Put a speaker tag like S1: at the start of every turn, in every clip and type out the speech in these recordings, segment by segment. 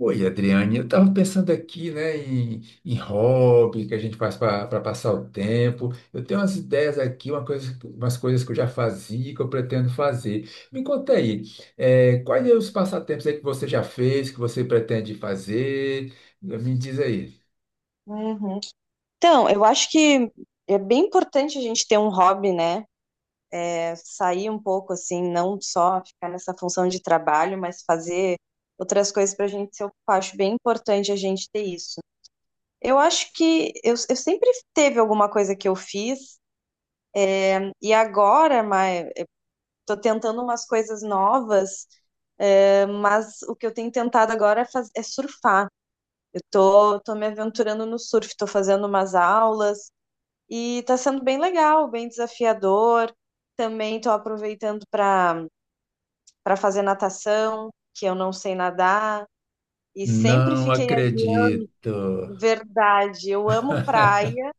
S1: Oi, Adriane, eu estava pensando aqui, né, em hobby que a gente faz para passar o tempo. Eu tenho umas ideias aqui, uma coisa, umas coisas que eu já fazia e que eu pretendo fazer. Me conta aí, quais são os passatempos aí que você já fez, que você pretende fazer? Me diz aí.
S2: Uhum. Então, eu acho que é bem importante a gente ter um hobby, né? É, sair um pouco assim, não só ficar nessa função de trabalho, mas fazer outras coisas para a gente se ocupar. Acho bem importante a gente ter isso. Eu acho que eu sempre teve alguma coisa que eu fiz e agora, mas tô tentando umas coisas novas, é, mas o que eu tenho tentado agora é surfar. Eu tô me aventurando no surf, tô fazendo umas aulas. E tá sendo bem legal, bem desafiador. Também tô aproveitando para fazer natação, que eu não sei nadar. E sempre
S1: Não
S2: fiquei a dia,
S1: acredito.
S2: verdade, eu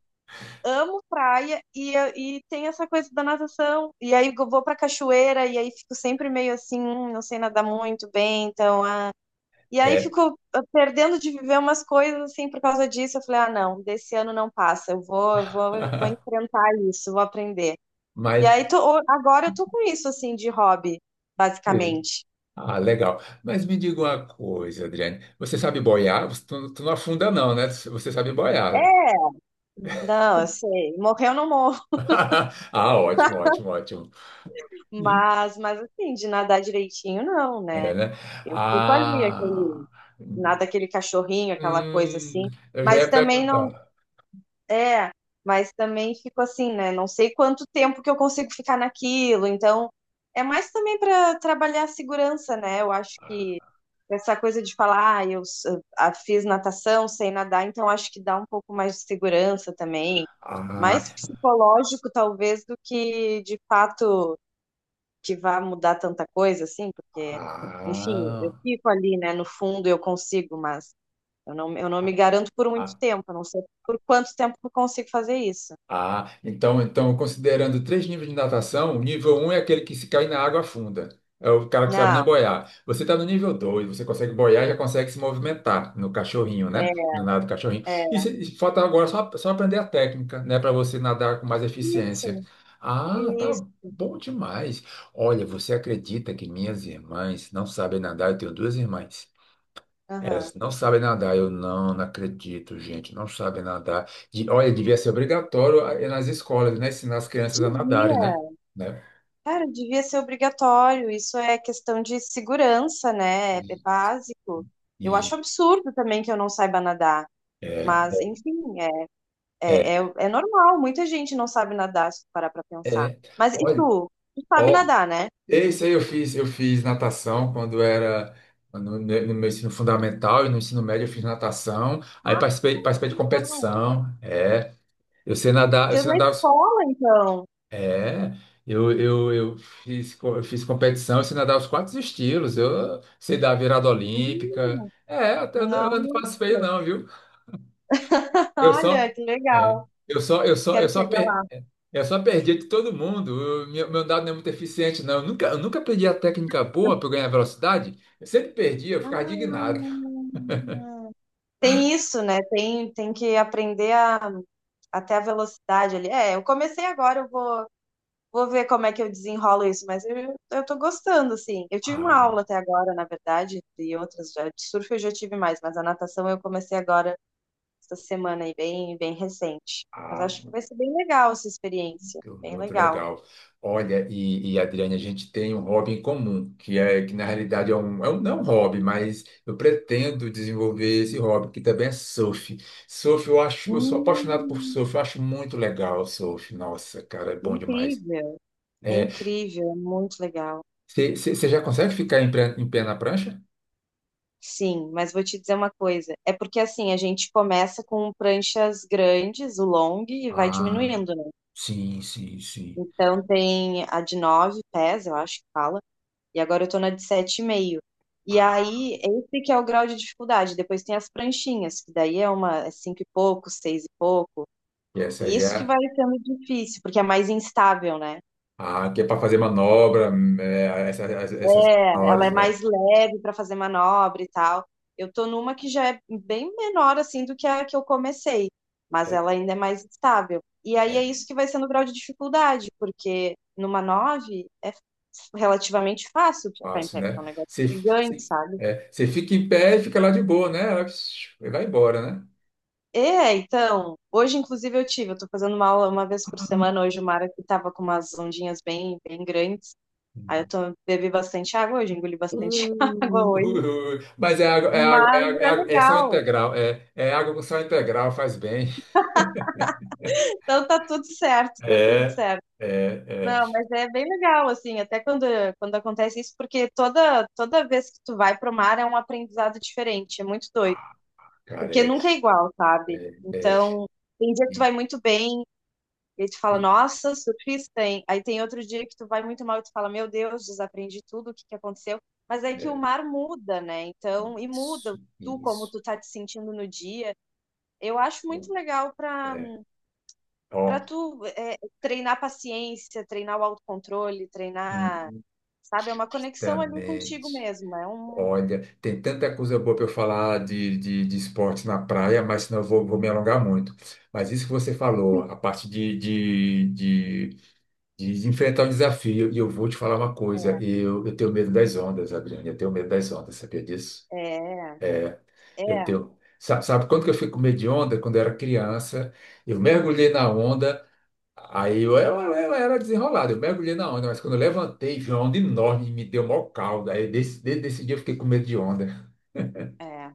S2: amo praia e, e tem essa coisa da natação. E aí eu vou pra cachoeira e aí fico sempre meio assim, não sei nadar muito bem, então, ah. E aí
S1: É,
S2: fico ah, perdendo de viver umas coisas assim por causa disso. Eu falei, ah, não, desse ano não passa, eu vou enfrentar isso, vou aprender. E
S1: mas.
S2: aí, agora eu tô com isso, assim, de hobby,
S1: eh,
S2: basicamente.
S1: Ah, legal. Mas me diga uma coisa, Adriane. Você sabe boiar? Tu não afunda, não, né? Você sabe boiar.
S2: É, não, eu sei, morrer eu não morro,
S1: Ah, ótimo, ótimo, ótimo. Hum,
S2: mas assim, de nadar direitinho, não, né?
S1: É, né?
S2: Eu fico ali, aquele,
S1: Ah,
S2: nada aquele cachorrinho, aquela coisa
S1: hum,
S2: assim,
S1: eu já
S2: mas
S1: ia
S2: também não
S1: perguntar.
S2: é, mas também fico assim, né? Não sei quanto tempo que eu consigo ficar naquilo. Então, é mais também para trabalhar a segurança, né? Eu acho que essa coisa de falar, ah, ah, fiz natação, sei nadar, então acho que dá um pouco mais de segurança também.
S1: Ah,
S2: Mais psicológico, talvez, do que de fato que vá mudar tanta coisa, assim, porque, enfim, eu
S1: ah,
S2: fico ali, né? No fundo eu consigo, mas. Eu não me garanto por muito
S1: ah,
S2: tempo, eu não sei por quanto tempo eu consigo fazer isso.
S1: ah, então, considerando três níveis de natação, o nível um é aquele que se cai na água afunda. É o cara que sabe nem
S2: Não,
S1: boiar. Você está no nível 2, você consegue boiar e já consegue se movimentar no cachorrinho,
S2: é,
S1: né? No nado do cachorrinho. E,
S2: é.
S1: se- e falta agora só, só aprender a técnica, né? Para você nadar com mais
S2: Isso,
S1: eficiência. Ah, tá
S2: isso.
S1: bom demais. Olha, você acredita que minhas irmãs não sabem nadar? Eu tenho duas irmãs.
S2: Aham.
S1: Não sabem nadar, eu não, não acredito, gente, não sabem nadar. Olha, devia ser obrigatório nas escolas, né? Ensinar as crianças a nadarem, né?
S2: Devia,
S1: Né?
S2: cara, devia ser obrigatório. Isso é questão de segurança, né? É é
S1: E,
S2: básico. Eu acho
S1: e,
S2: absurdo também que eu não saiba nadar.
S1: É,
S2: Mas, enfim,
S1: é,
S2: é, é, é normal. Muita gente não sabe nadar, se tu parar pra pensar.
S1: é.
S2: Mas e
S1: Olha,
S2: tu? Tu sabe
S1: ó,
S2: nadar, né?
S1: isso aí eu fiz, natação quando era no, no meu ensino fundamental e no ensino médio eu fiz natação, aí
S2: Ah,
S1: participei de
S2: então.
S1: competição, é. Eu
S2: Fez
S1: sei
S2: na
S1: nadar,
S2: escola, então.
S1: é, eu fiz competição, eu sei nadar os quatro estilos, eu sei dar virada olímpica.
S2: Hum,
S1: É, até eu,
S2: nossa.
S1: eu não faço feio não, viu? Eu só,
S2: Olha, que
S1: é,
S2: legal. Quero
S1: eu só,
S2: chegar
S1: per,
S2: lá.
S1: eu só perdi de todo mundo. Meu dado não é muito eficiente, não. Eu nunca perdi a técnica boa para ganhar velocidade. Eu sempre perdi, eu
S2: Ah,
S1: ficava indignado.
S2: tem isso, né? Tem, tem que aprender a, até a velocidade ali. É, eu comecei agora, eu vou, vou ver como é que eu desenrolo isso, mas eu tô gostando, assim. Eu tive uma
S1: Ah,
S2: aula até agora, na verdade, e outras, de surf eu já tive mais, mas a natação eu comecei agora, essa semana aí, bem, bem recente. Mas
S1: ah,
S2: acho que vai ser bem legal essa experiência, bem
S1: muito
S2: legal.
S1: legal. Olha, e Adriane, a gente tem um hobby em comum, que é que na realidade é um não é um hobby, mas eu pretendo desenvolver esse hobby, que também é surf. Surf, eu acho, eu sou apaixonado por
S2: Hum,
S1: surf, eu acho muito legal o surf. Nossa, cara, é bom demais.
S2: incrível. É incrível, é muito legal.
S1: Você já consegue ficar em, em pé na prancha?
S2: Sim, mas vou te dizer uma coisa. É porque assim, a gente começa com pranchas grandes, o long, e vai
S1: Ah,
S2: diminuindo, né?
S1: sim, sim, sim.
S2: Então tem a de 9 pés, eu acho que fala, e agora eu tô na de 7,5. E meio. E
S1: Ah,
S2: aí, esse que é o grau de dificuldade. Depois tem as pranchinhas, que daí é uma é cinco e pouco, seis e pouco.
S1: e essa
S2: E
S1: aí
S2: isso que
S1: é,
S2: vai sendo difícil, porque é mais instável, né?
S1: que é para fazer manobra, é, essas
S2: É, ela
S1: menores,
S2: é
S1: né?
S2: mais leve para fazer manobra e tal. Eu tô numa que já é bem menor assim do que a que eu comecei, mas
S1: É,
S2: ela ainda é mais estável. E aí é
S1: é.
S2: isso que vai sendo o grau de dificuldade, porque numa 9 é relativamente fácil de ficar em
S1: Fácil,
S2: pé, porque
S1: né?
S2: é um negócio
S1: Você,
S2: gigante,
S1: você,
S2: sabe?
S1: você fica em pé e fica lá de boa, né? Ela psiu, e vai embora, né?
S2: É, então, hoje inclusive eu tive, eu tô fazendo uma aula uma vez por
S1: Uh,
S2: semana hoje, o mar aqui tava com umas ondinhas bem, bem grandes. Aí eu tô, bebi bastante água hoje, engoli bastante água hoje.
S1: Mas é água, é água, é
S2: Mas
S1: água,
S2: é
S1: é sal
S2: legal.
S1: integral, é, é água com sal integral, faz bem.
S2: Então tá tudo certo, tá tudo
S1: É,
S2: certo.
S1: é, é.
S2: Não, mas é bem legal, assim, até quando, quando acontece isso, porque toda vez que tu vai pro mar é um aprendizado diferente, é muito doido,
S1: Ah, cara,
S2: porque
S1: é,
S2: nunca é igual, sabe?
S1: é, é,
S2: Então, tem dia que tu
S1: e-
S2: vai muito bem, e aí tu fala,
S1: e-
S2: nossa, surfista, hein? Aí tem outro dia que tu vai muito mal e tu fala, meu Deus, desaprendi tudo, o que que aconteceu? Mas é que o
S1: é,
S2: mar muda, né? Então, e muda
S1: isso,
S2: tu, como
S1: isso.
S2: tu tá te sentindo no dia. Eu acho muito legal para
S1: É,
S2: para
S1: ó,
S2: tu é, treinar paciência, treinar o autocontrole, treinar,
S1: hum,
S2: sabe, é uma conexão ali contigo
S1: justamente.
S2: mesmo, é um
S1: Olha, tem tanta coisa boa para eu falar de esporte na praia, mas senão eu vou, vou me alongar muito. Mas isso que você falou, a parte de enfrentar o desafio, e eu vou te falar uma coisa,
S2: é
S1: eu tenho medo das ondas, Adriane, eu tenho medo das ondas, sabia disso?
S2: é
S1: Eu tenho. Sabe, sabe quando que eu fui com medo de onda? Quando eu era criança, eu mergulhei na onda, aí eu era desenrolado, eu mergulhei na onda, mas quando eu levantei, vi uma onda enorme, me deu maior caldo, aí desde esse dia eu fiquei com medo de onda.
S2: é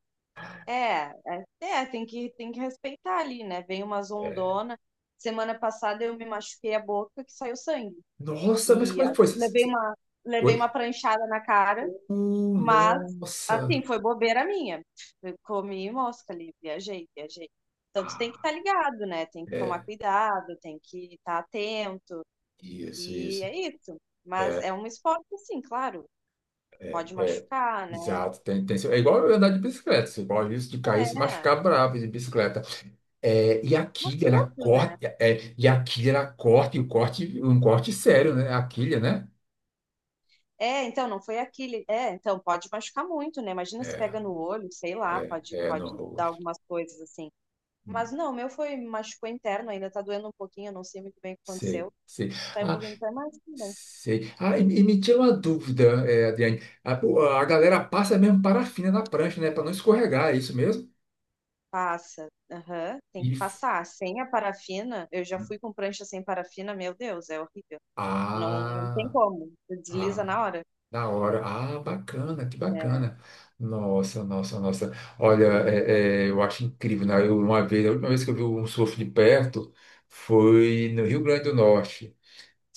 S2: é, tem que respeitar ali, né? Vem umas
S1: É,
S2: ondona. Semana passada eu me machuquei a boca que saiu sangue
S1: nossa, mas
S2: e
S1: como é
S2: ah,
S1: que foi?
S2: levei uma levei uma
S1: Foi?
S2: pranchada na cara. Mas, assim,
S1: Nossa.
S2: foi bobeira minha. Eu comi mosca ali, viajei, viajei. Então, tu tem que estar
S1: Ah,
S2: ligado, né? Tem que tomar
S1: é,
S2: cuidado, tem que estar atento.
S1: isso,
S2: E
S1: isso.
S2: é isso. Mas
S1: É,
S2: é um esporte, assim, claro.
S1: é,
S2: Pode
S1: é,
S2: machucar, né?
S1: exato. Tem, é igual eu andar de bicicleta. Você corre o risco de cair e se
S2: É,
S1: machucar bravo de bicicleta. É, e a
S2: mas
S1: quilha, ela
S2: tudo, né?
S1: corta, é, e a quilha, ela corta, e o corte, um corte sério, né? A quilha, né?
S2: É, então, não foi aquele. É, então, pode machucar muito, né? Imagina se
S1: É,
S2: pega no olho, sei lá,
S1: é,
S2: pode,
S1: é no
S2: pode dar
S1: rosto.
S2: algumas coisas assim. Mas não, o meu foi, machucou interno, ainda tá doendo um pouquinho, eu não sei muito bem o que
S1: Sei,
S2: aconteceu.
S1: sei.
S2: Tá um
S1: Ah,
S2: pouquinho, tá mais.
S1: sei. Ah, e me tira uma dúvida, é, Adriane. A galera passa mesmo parafina na prancha, né? Para não escorregar, é isso mesmo?
S2: Passa. Aham. Tem
S1: E,
S2: que
S1: f-
S2: passar. Sem a parafina, eu já fui com prancha sem parafina, meu Deus, é horrível. Não, não tem
S1: ah,
S2: como. Desliza na
S1: ah,
S2: hora.
S1: da hora. Ah, bacana, que
S2: É,
S1: bacana. Nossa, nossa, nossa.
S2: mas
S1: Olha,
S2: é muito legal.
S1: é, é, eu acho incrível, né? Eu, uma vez, a última vez que eu vi um surf de perto foi no Rio Grande do Norte.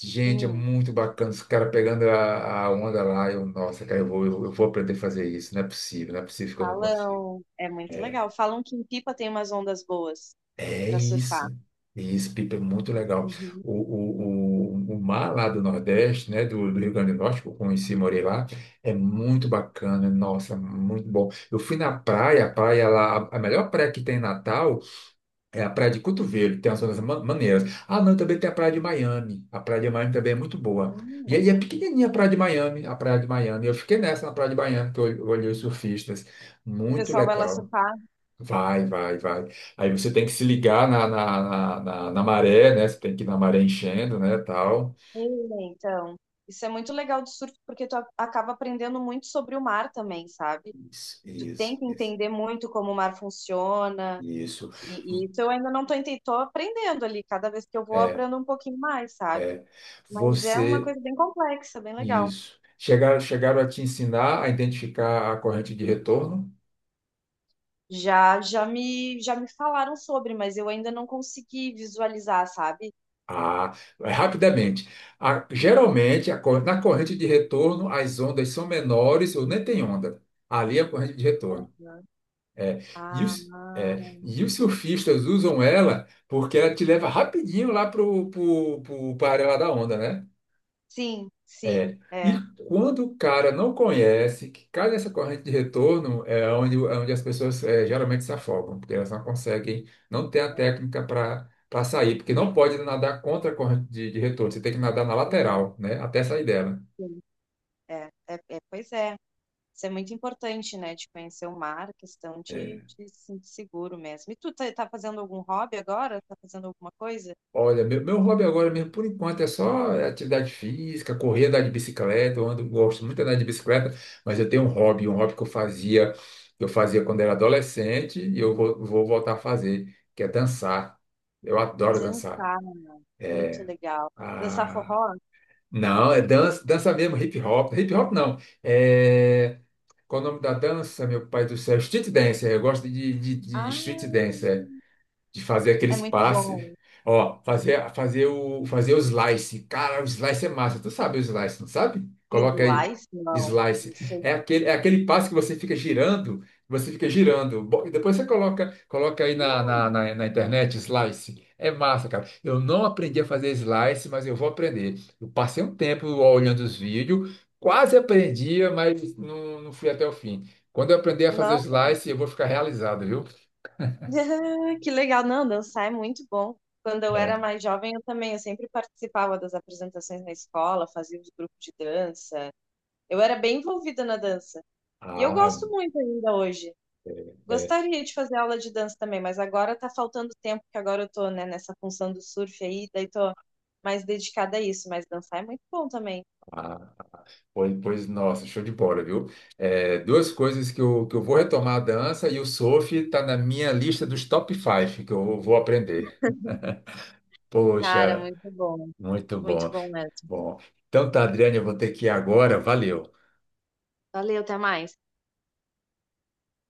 S1: Gente, é
S2: Hum,
S1: muito bacana. Os caras pegando a onda lá. Eu, nossa, cara, eu vou aprender a fazer isso. Não é possível, não é possível que eu não consiga.
S2: falam. É muito
S1: É.
S2: legal. Falam que em Pipa tem umas ondas boas
S1: É
S2: para
S1: isso.
S2: surfar.
S1: É isso, Pipa, é muito legal.
S2: Uhum.
S1: O mar lá do Nordeste, né, do Rio Grande do Norte, que eu conheci, morei lá, é muito bacana, nossa, muito bom. Eu fui na praia, a praia lá, a melhor praia que tem em Natal é a Praia de Cotovelo, tem as zonas maneiras. Ah, não, também tem a Praia de Miami, a Praia de Miami também é muito boa. E
S2: Hum,
S1: aí é pequenininha a Praia de Miami, a Praia de Miami. Eu fiquei nessa na Praia de Miami, que eu olhei os surfistas,
S2: o
S1: muito
S2: pessoal vai lá
S1: legal.
S2: surfar.
S1: Vai, vai, vai. Aí você tem que se ligar na maré, né? Você tem que ir na maré enchendo, né? Tal.
S2: É, então, isso é muito legal de surf porque tu acaba aprendendo muito sobre o mar também, sabe?
S1: Isso,
S2: Tu tem
S1: isso,
S2: que
S1: isso.
S2: entender muito como o mar funciona.
S1: Isso.
S2: E isso eu ainda não tô entendendo, tô aprendendo ali, cada vez que eu vou eu
S1: É,
S2: aprendo um pouquinho mais, sabe?
S1: é.
S2: Mas é uma
S1: Você.
S2: coisa bem complexa, bem legal.
S1: Isso. Chegaram a te ensinar a identificar a corrente de retorno?
S2: Já me falaram sobre, mas eu ainda não consegui visualizar, sabe?
S1: Ah, é rapidamente. Geralmente, na corrente de retorno, as ondas são menores ou nem tem onda. Ali é a corrente de retorno.
S2: Uhum.
S1: É,
S2: Ah,
S1: e os surfistas usam ela porque ela te leva rapidinho lá pra área lá da onda, né?
S2: sim, sim,
S1: É. E
S2: é, é.
S1: quando o cara não conhece, que cai nessa corrente de retorno, é onde as pessoas é, geralmente se afogam, porque elas não conseguem, não tem a técnica para sair, porque não pode nadar contra a corrente de retorno, você tem que nadar na
S2: Não,
S1: lateral, né? Até sair dela.
S2: sim, é, é, é, pois é. Isso é muito importante, né? De conhecer o mar, questão
S1: É,
S2: de se sentir seguro mesmo. E tu tá, tá fazendo algum hobby agora? Tá fazendo alguma coisa?
S1: olha, meu hobby agora mesmo, por enquanto, é só atividade física, correr, andar de bicicleta. Eu ando, gosto muito de andar de bicicleta, mas eu tenho um hobby que eu fazia quando era adolescente e eu vou voltar a fazer, que é dançar. Eu adoro dançar.
S2: Dançar. Muito
S1: É,
S2: legal. Dançar
S1: ah,
S2: forró?
S1: não, é dança, dança mesmo, hip hop. Hip hop não. É, qual é o nome da dança, meu pai do céu? Street dance. Eu gosto de
S2: Ah,
S1: street dance de fazer
S2: é
S1: aqueles
S2: muito
S1: passes.
S2: bom.
S1: Ó, fazer, fazer o, fazer o slice. Cara, o slice é massa. Tu sabe o slice, não sabe? Coloca aí.
S2: Slice? Não, não
S1: Slice.
S2: sei.
S1: É aquele passe que você fica girando, você fica girando. E depois você coloca, coloca aí na internet, slice. É massa, cara. Eu não aprendi a fazer slice, mas eu vou aprender. Eu passei um tempo olhando os vídeos, quase aprendia, mas não, não fui até o fim. Quando eu aprender a fazer o
S2: Nossa,
S1: slice, eu vou ficar realizado, viu?
S2: que legal. Não, dançar é muito bom. Quando eu era
S1: É.
S2: mais jovem, eu também, eu sempre participava das apresentações na escola, fazia os grupos de dança. Eu era bem envolvida na dança. E eu
S1: Ah,
S2: gosto muito ainda hoje.
S1: é.
S2: Gostaria de fazer aula de dança também, mas agora tá faltando tempo, porque agora eu tô, né, nessa função do surf aí, daí tô mais dedicada a isso, mas dançar é muito bom também.
S1: Ah, pois, pois, nossa, show de bola, viu? É, duas coisas que eu vou retomar a dança e o surf está na minha lista dos top 5 que eu vou aprender.
S2: Cara,
S1: Poxa,
S2: muito bom.
S1: muito
S2: Muito
S1: bom.
S2: bom mesmo.
S1: Bom, então tá, Adriane, eu vou ter que ir agora. Valeu.
S2: Valeu, até mais.